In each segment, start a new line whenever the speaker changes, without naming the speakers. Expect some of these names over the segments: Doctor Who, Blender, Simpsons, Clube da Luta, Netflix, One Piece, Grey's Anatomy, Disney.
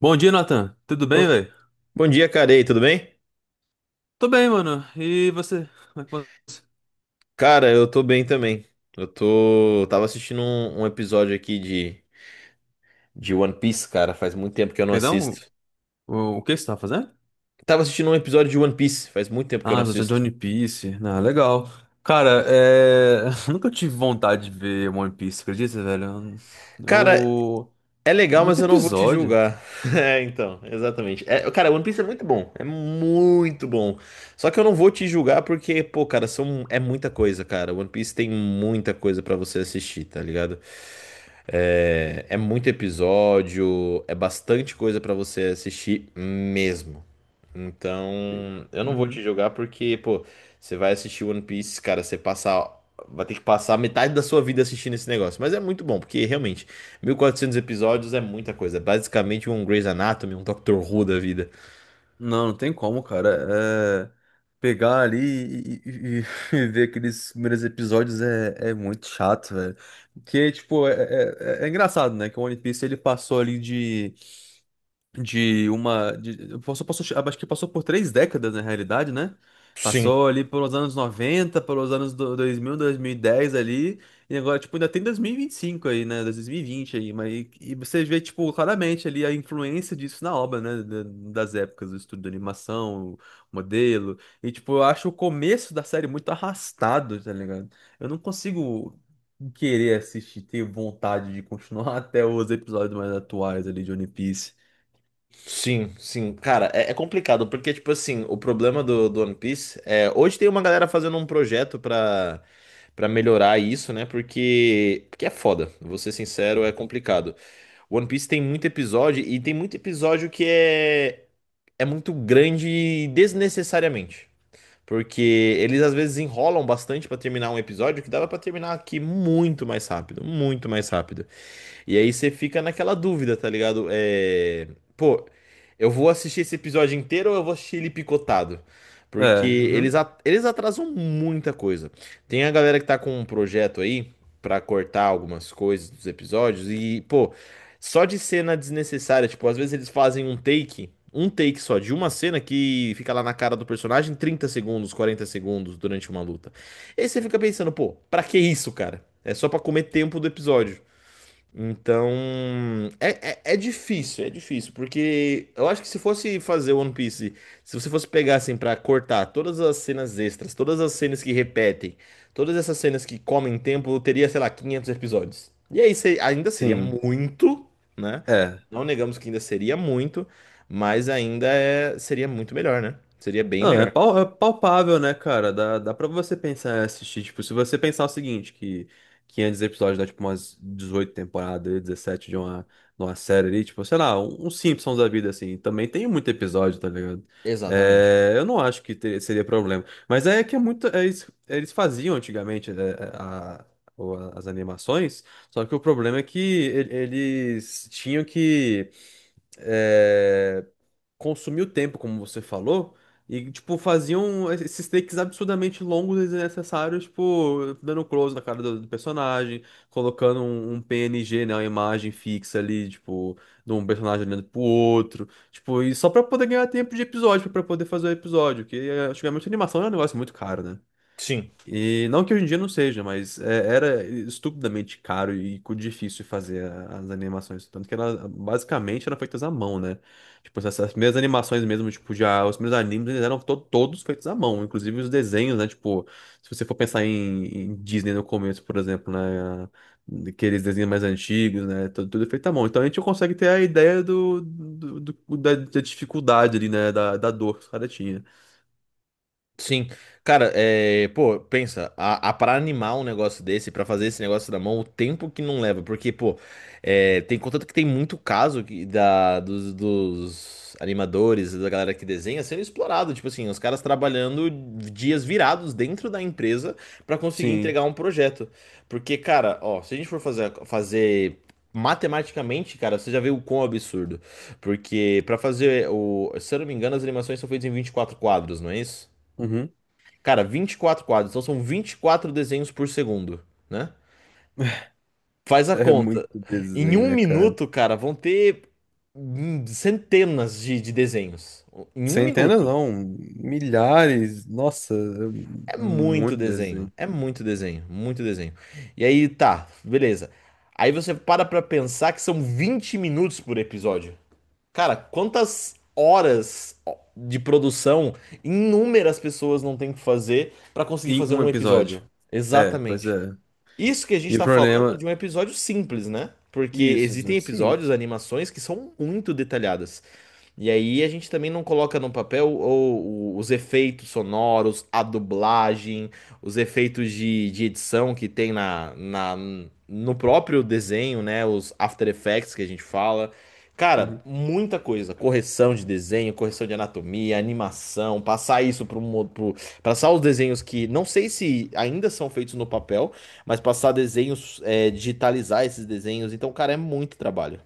Bom dia, Nathan. Tudo bem,
Bom,
velho?
bom dia, cara. E aí, tudo bem?
Tô bem, mano. E você? Como é que você-
Cara, eu tô bem também. Eu tô. Tava assistindo um episódio aqui de One Piece, cara. Faz muito tempo que eu não
Perdão?
assisto.
O que você tá fazendo?
Tava assistindo um episódio de One Piece, faz muito tempo que eu não
Ah, você de
assisto.
One Piece. Ah, legal. Cara, nunca tive vontade de ver One Piece, acredita, velho?
Cara,
Eu...
é
É
legal, mas
muito
eu não vou te
episódio.
julgar. É, então, exatamente. É, cara, One Piece é muito bom. É muito bom. Só que eu não vou te julgar porque, pô, cara, são, é muita coisa, cara. One Piece tem muita coisa pra você assistir, tá ligado? É, é muito episódio, é bastante coisa pra você assistir mesmo. Então, eu não vou te
Uhum.
julgar porque, pô, você vai assistir One Piece, cara, você passar. Vai ter que passar metade da sua vida assistindo esse negócio. Mas é muito bom, porque realmente, 1.400 episódios é muita coisa. É basicamente um Grey's Anatomy, um Doctor Who da vida.
Não, não tem como, cara. Pegar ali e ver aqueles primeiros episódios é muito chato, velho. Porque, tipo, é engraçado, né? Que o One Piece ele passou ali de uma. Passou, acho que passou por 3 décadas, na realidade, né?
Sim,
Passou ali pelos anos 90, pelos anos 2000, dez ali, e agora, tipo, ainda tem dois mil e vinte e cinco aí, né? 2020 aí, mas e você vê, tipo, claramente ali a influência disso na obra, né? Das épocas, o estudo de animação, o modelo, e, tipo, eu acho o começo da série muito arrastado, tá ligado? Eu não consigo querer assistir, ter vontade de continuar até os episódios mais atuais ali de One Piece.
sim. Cara, é complicado, porque, tipo assim, o problema do One Piece é. Hoje tem uma galera fazendo um projeto pra melhorar isso, né? Porque é foda, vou ser sincero, é complicado. One Piece tem muito episódio, e tem muito episódio que é muito grande desnecessariamente. Porque eles às vezes enrolam bastante pra terminar um episódio que dava pra terminar aqui muito mais rápido, muito mais rápido. E aí você fica naquela dúvida, tá ligado? Pô, eu vou assistir esse episódio inteiro ou eu vou assistir ele picotado? Porque
É,
eles,
uhum,
eles atrasam muita coisa. Tem a galera que tá com um projeto aí pra cortar algumas coisas dos episódios e, pô, só de cena desnecessária, tipo, às vezes eles fazem um take só de uma cena que fica lá na cara do personagem 30 segundos, 40 segundos durante uma luta. E aí você fica pensando, pô, pra que isso, cara? É só pra comer tempo do episódio. Então, é difícil, é difícil, porque eu acho que se fosse fazer One Piece, se você fosse pegar assim pra cortar todas as cenas extras, todas as cenas que repetem, todas essas cenas que comem tempo, eu teria, sei lá, 500 episódios. E aí ainda seria
sim,
muito, né?
é.
Não negamos que ainda seria muito, mas ainda seria muito melhor, né? Seria bem
Não,
melhor.
é palpável, né, cara? Dá pra você pensar e assistir. Tipo, se você pensar o seguinte, que 500 episódios dá, tipo, umas 18 temporadas, 17 de uma série ali, tipo, sei lá, um Simpsons da vida, assim. Também tem muito episódio, tá ligado?
Exatamente.
É, eu não acho que seria problema. Mas é que é muito. Eles faziam antigamente, né, as animações, só que o problema é que eles tinham que... é, consumiu tempo, como você falou, e, tipo, faziam esses takes absurdamente longos e desnecessários, tipo, dando close na cara do personagem, colocando um PNG, né, uma imagem fixa ali, tipo, de um personagem olhando pro outro, tipo, e só pra poder ganhar tempo de episódio, pra poder fazer o episódio, que antigamente a animação era um negócio muito caro, né?
Sim.
E não que hoje em dia não seja, mas era estupidamente caro e difícil fazer as animações. Tanto que ela basicamente eram feitas à mão, né? Tipo, essas primeiras animações mesmo, tipo, já os primeiros animes, eles eram todos feitos à mão, inclusive os desenhos, né? Tipo, se você for pensar em Disney no começo, por exemplo, né? Aqueles desenhos mais antigos, né? Tudo, tudo feito à mão. Então a gente consegue ter a ideia da dificuldade ali, né? Da dor que os caras tinham.
Sim, cara, pô, pensa, a para animar um negócio desse, pra fazer esse negócio na mão, o tempo que não leva, porque, pô, é, tem contanto que tem muito caso que, dos animadores, da galera que desenha, sendo explorado, tipo assim, os caras trabalhando dias virados dentro da empresa pra conseguir
Sim.
entregar um projeto, porque, cara, ó, se a gente for fazer matematicamente, cara, você já viu o quão absurdo, porque pra fazer o, se eu não me engano, as animações são feitas em 24 quadros, não é isso?
Uhum.
Cara, 24 quadros, então são 24 desenhos por segundo, né? Faz a
É
conta.
muito
Em
desenho,
um
né, cara?
minuto, cara, vão ter centenas de desenhos. Em um
Centenas
minuto.
não, milhares, nossa,
É
um
muito
monte de
desenho.
desenho.
É muito desenho. Muito desenho. E aí, tá, beleza. Aí você para pra pensar que são 20 minutos por episódio. Cara, quantas horas de produção inúmeras pessoas não têm que fazer pra conseguir
Em
fazer
um
um
episódio.
episódio?
É, pois
Exatamente.
é.
Isso que a
E
gente
o
tá falando
problema.
de um episódio simples, né? Porque
Isso,
existem
episódio de
episódios,
ciência.
animações que são muito detalhadas. E aí a gente também não coloca no papel os efeitos sonoros, a dublagem, os efeitos de edição que tem no próprio desenho, né? Os After Effects que a gente fala. Cara,
Uhum.
muita coisa. Correção de desenho, correção de anatomia, animação, passar isso para um pro, passar os desenhos que não sei se ainda são feitos no papel, mas passar desenhos, é, digitalizar esses desenhos. Então, cara, é muito trabalho.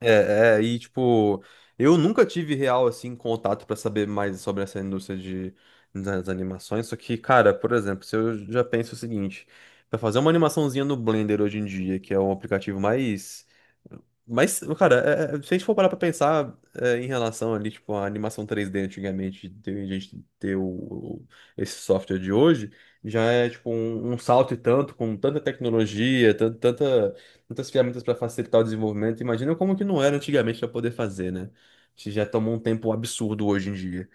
E tipo, eu nunca tive real assim contato pra saber mais sobre essa indústria de das animações, só que, cara, por exemplo, se eu já penso o seguinte, pra fazer uma animaçãozinha no Blender hoje em dia, que é o aplicativo mais. Mas, cara, se a gente for parar pra pensar em relação ali, tipo, a animação 3D antigamente, a gente ter esse software de hoje, já é, tipo, um salto e tanto, com tanta tecnologia, tantas ferramentas para facilitar o desenvolvimento. Imagina como que não era antigamente para poder fazer, né? A gente já tomou um tempo absurdo hoje em dia.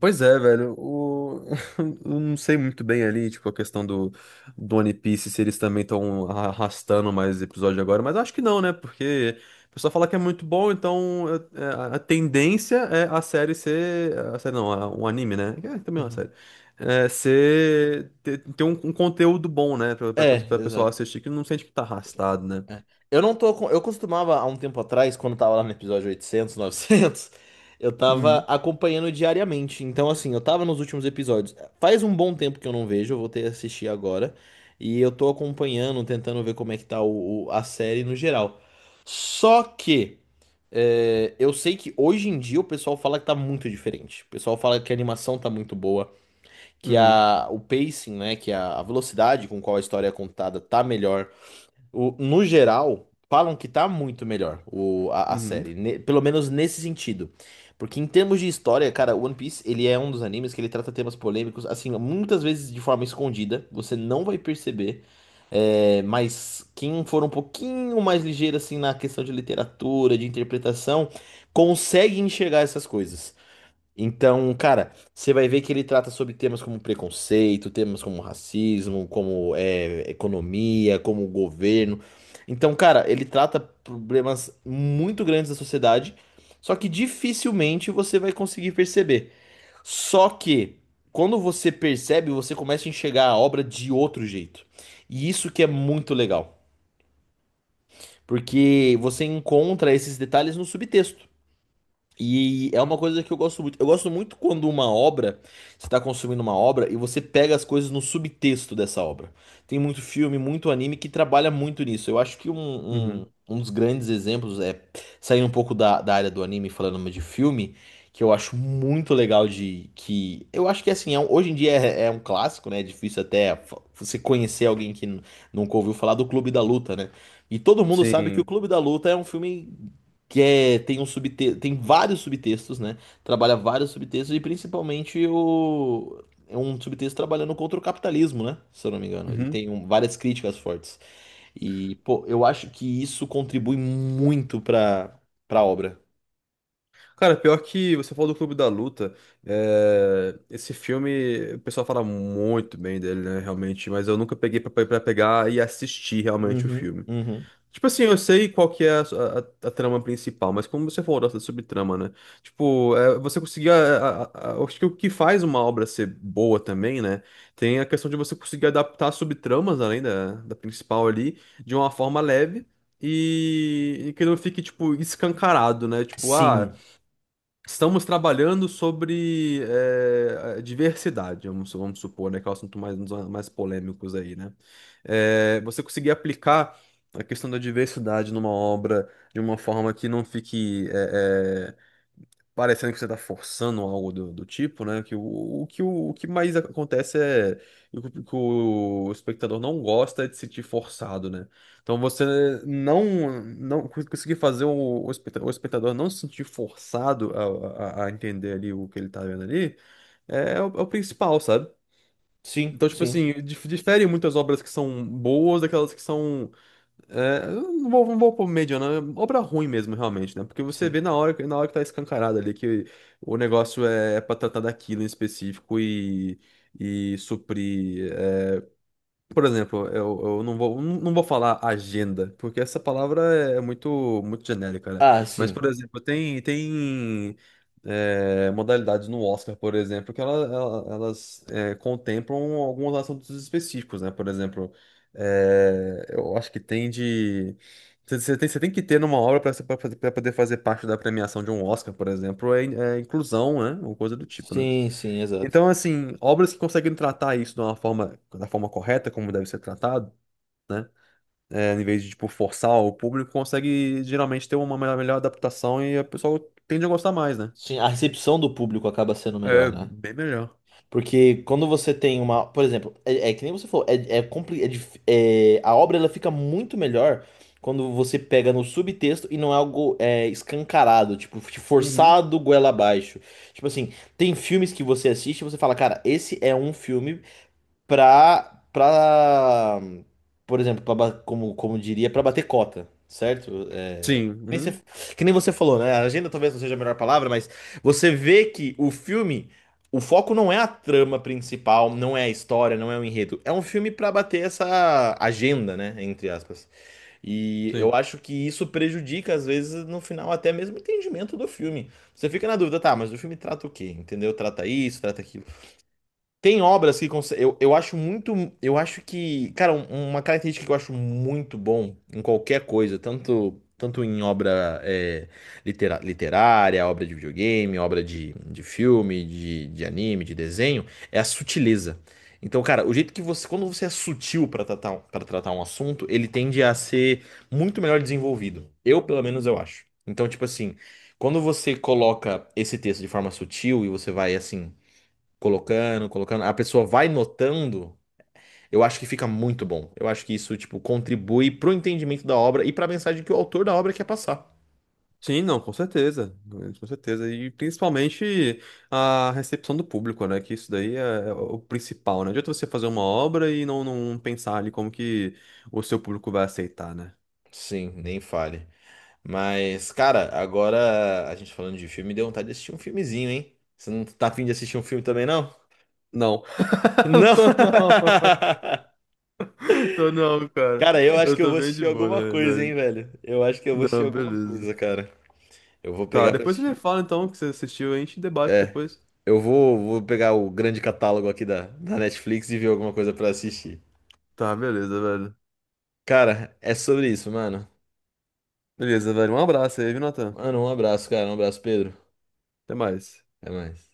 Pois é, velho. O... Eu não sei muito bem ali, tipo, a questão do One Piece, se eles também estão arrastando mais episódio agora, mas acho que não, né? Porque o pessoal fala que é muito bom, então é, é, a tendência é a série ser. A série não, um anime, né? É, também é uma
Uhum.
série. É, ser. Ter um conteúdo bom, né? Pra, pra,
É,
pra pessoal
exato.
assistir, que não sente que tá
Sim.
arrastado, né?
É. Eu não tô com... Eu costumava, há um tempo atrás, quando tava lá no episódio 800, 900, eu tava
Uhum,
acompanhando diariamente. Então, assim, eu tava nos últimos episódios. Faz um bom tempo que eu não vejo, eu voltei a assistir agora. E eu tô acompanhando, tentando ver como é que tá a série no geral. Só que, é, eu sei que hoje em dia o pessoal fala que tá muito diferente. O pessoal fala que a animação tá muito boa, que
uhum,
a, o pacing, né, que a velocidade com qual a história é contada tá melhor. No geral, falam que tá muito melhor a
uhum,
série, pelo menos nesse sentido. Porque em termos de história, cara, One Piece, ele é um dos animes que ele trata temas polêmicos, assim, muitas vezes de forma escondida, você não vai perceber. É, mas quem for um pouquinho mais ligeiro, assim, na questão de literatura, de interpretação, consegue enxergar essas coisas. Então, cara, você vai ver que ele trata sobre temas como preconceito, temas como racismo, como é, economia, como governo. Então, cara, ele trata problemas muito grandes da sociedade, só que dificilmente você vai conseguir perceber. Só que, quando você percebe, você começa a enxergar a obra de outro jeito. E isso que é muito legal, porque você encontra esses detalhes no subtexto. E é uma coisa que eu gosto muito. Eu gosto muito quando uma obra, você está consumindo uma obra e você pega as coisas no subtexto dessa obra. Tem muito filme, muito anime que trabalha muito nisso. Eu acho que um, um,
uhum.
um dos grandes exemplos é saindo um pouco da área do anime, e falando de filme, que eu acho muito legal de que eu acho que assim, hoje em dia é um clássico, né? É difícil até você conhecer alguém que nunca ouviu falar do Clube da Luta, né? E todo mundo sabe que o
Sim.
Clube da Luta é um filme que é, tem vários subtextos, né? Trabalha vários subtextos e principalmente o é um subtexto trabalhando contra o capitalismo, né? Se eu não me engano, ele
Uhum.
tem várias críticas fortes. E pô, eu acho que isso contribui muito para para obra.
Cara, pior que você falou do Clube da Luta, esse filme, o pessoal fala muito bem dele, né, realmente, mas eu nunca peguei pra pegar e assistir realmente o
Uhum,
filme.
uhum.
Tipo assim, eu sei qual que é a trama principal, mas como você falou da subtrama, né? Tipo, você conseguir. Acho que o que faz uma obra ser boa também, né? Tem a questão de você conseguir adaptar subtramas, além da principal ali, de uma forma leve e que não fique, tipo, escancarado, né? Tipo, ah.
Sim,
Estamos trabalhando sobre a diversidade, vamos supor, né? Que é o assunto mais, um dos mais polêmicos aí, né? Você conseguir aplicar a questão da diversidade numa obra de uma forma que não fique parecendo que você tá forçando algo do tipo, né? Que o que o que mais acontece e o que o espectador não gosta é de se sentir forçado, né? Então você não não conseguir fazer o espectador não se sentir forçado a entender ali o que ele tá vendo ali é o principal, sabe?
sim,
Então, tipo
sim,
assim, difere muitas obras que são boas daquelas que são. Eu não vou pôr média, não. É obra ruim mesmo, realmente, né? Porque você
sim.
vê na hora, na hora que tá escancarado ali que o negócio é pra tratar daquilo em específico e suprir. Por exemplo, eu não vou, não vou falar agenda, porque essa palavra é muito, muito genérica, né?
Ah,
Mas,
sim.
por exemplo, tem modalidades no Oscar, por exemplo, que elas contemplam alguns assuntos específicos, né? Por exemplo, eu acho que tem de. Você tem que ter numa obra para poder fazer parte da premiação de um Oscar, por exemplo, é inclusão, né? Ou coisa do tipo, né?
Sim, sim, exato.
Então, assim, obras que conseguem tratar isso de uma forma, da forma correta, como deve ser tratado, em vez de, tipo, forçar o público, consegue geralmente ter uma melhor adaptação e a pessoa tende a gostar mais, né?
Sim, a recepção do público acaba sendo melhor,
É
né?
bem melhor.
Porque quando você tem uma. Por exemplo, é, é que nem você falou, a obra ela fica muito melhor quando você pega no subtexto e não é algo é, escancarado, tipo,
Uhum.
forçado goela abaixo. Tipo assim, tem filmes que você assiste e você fala, cara, esse é um filme pra, pra, por exemplo, como, como diria, pra bater cota, certo? É,
Sim,
nem você-
uhum,
que nem você falou, né? A agenda talvez não seja a melhor palavra, mas você vê que o filme, o foco não é a trama principal, não é a história, não é o enredo. É um filme pra bater essa agenda, né? Entre aspas. E eu
sim.
acho que isso prejudica, às vezes, no final, até mesmo o entendimento do filme. Você fica na dúvida, tá, mas o filme trata o quê? Entendeu? Trata isso, trata aquilo. Tem obras que consegue, eu acho muito, eu acho que, cara, uma característica que eu acho muito bom em qualquer coisa, tanto em obra é, literária, obra de videogame, obra de filme, de anime, de desenho, é a sutileza. Então, cara, o jeito que você, quando você é sutil para tratar um assunto, ele tende a ser muito melhor desenvolvido. Eu, pelo menos, eu acho. Então, tipo assim, quando você coloca esse texto de forma sutil e você vai assim colocando, a pessoa vai notando, eu acho que fica muito bom. Eu acho que isso, tipo, contribui pro entendimento da obra e pra mensagem que o autor da obra quer passar.
Sim, não, com certeza. Com certeza. E principalmente a recepção do público, né? Que isso daí é o principal, né? Não adianta você fazer uma obra e não pensar ali como que o seu público vai aceitar, né?
Sim, nem fale. Mas, cara, agora a gente falando de filme, deu vontade de assistir um filmezinho, hein? Você não tá afim de assistir um filme também, não?
Não, não
Não!
tô, não. Tô não, cara.
Cara, eu acho
Eu
que eu
tô
vou
bem
assistir
de boa, na
alguma coisa, hein,
realidade.
velho? Eu acho que eu vou assistir
Não,
alguma
beleza.
coisa, cara. Eu vou
Tá,
pegar pra
depois você me
assistir.
fala então o que você assistiu, a gente debate
É,
depois.
eu vou pegar o grande catálogo aqui da Netflix e ver alguma coisa pra assistir.
Tá, beleza, velho.
Cara, é sobre isso, mano.
Beleza, velho. Um abraço aí, viu, Natan?
Mano, um abraço, cara. Um abraço, Pedro.
Até mais.
Até mais.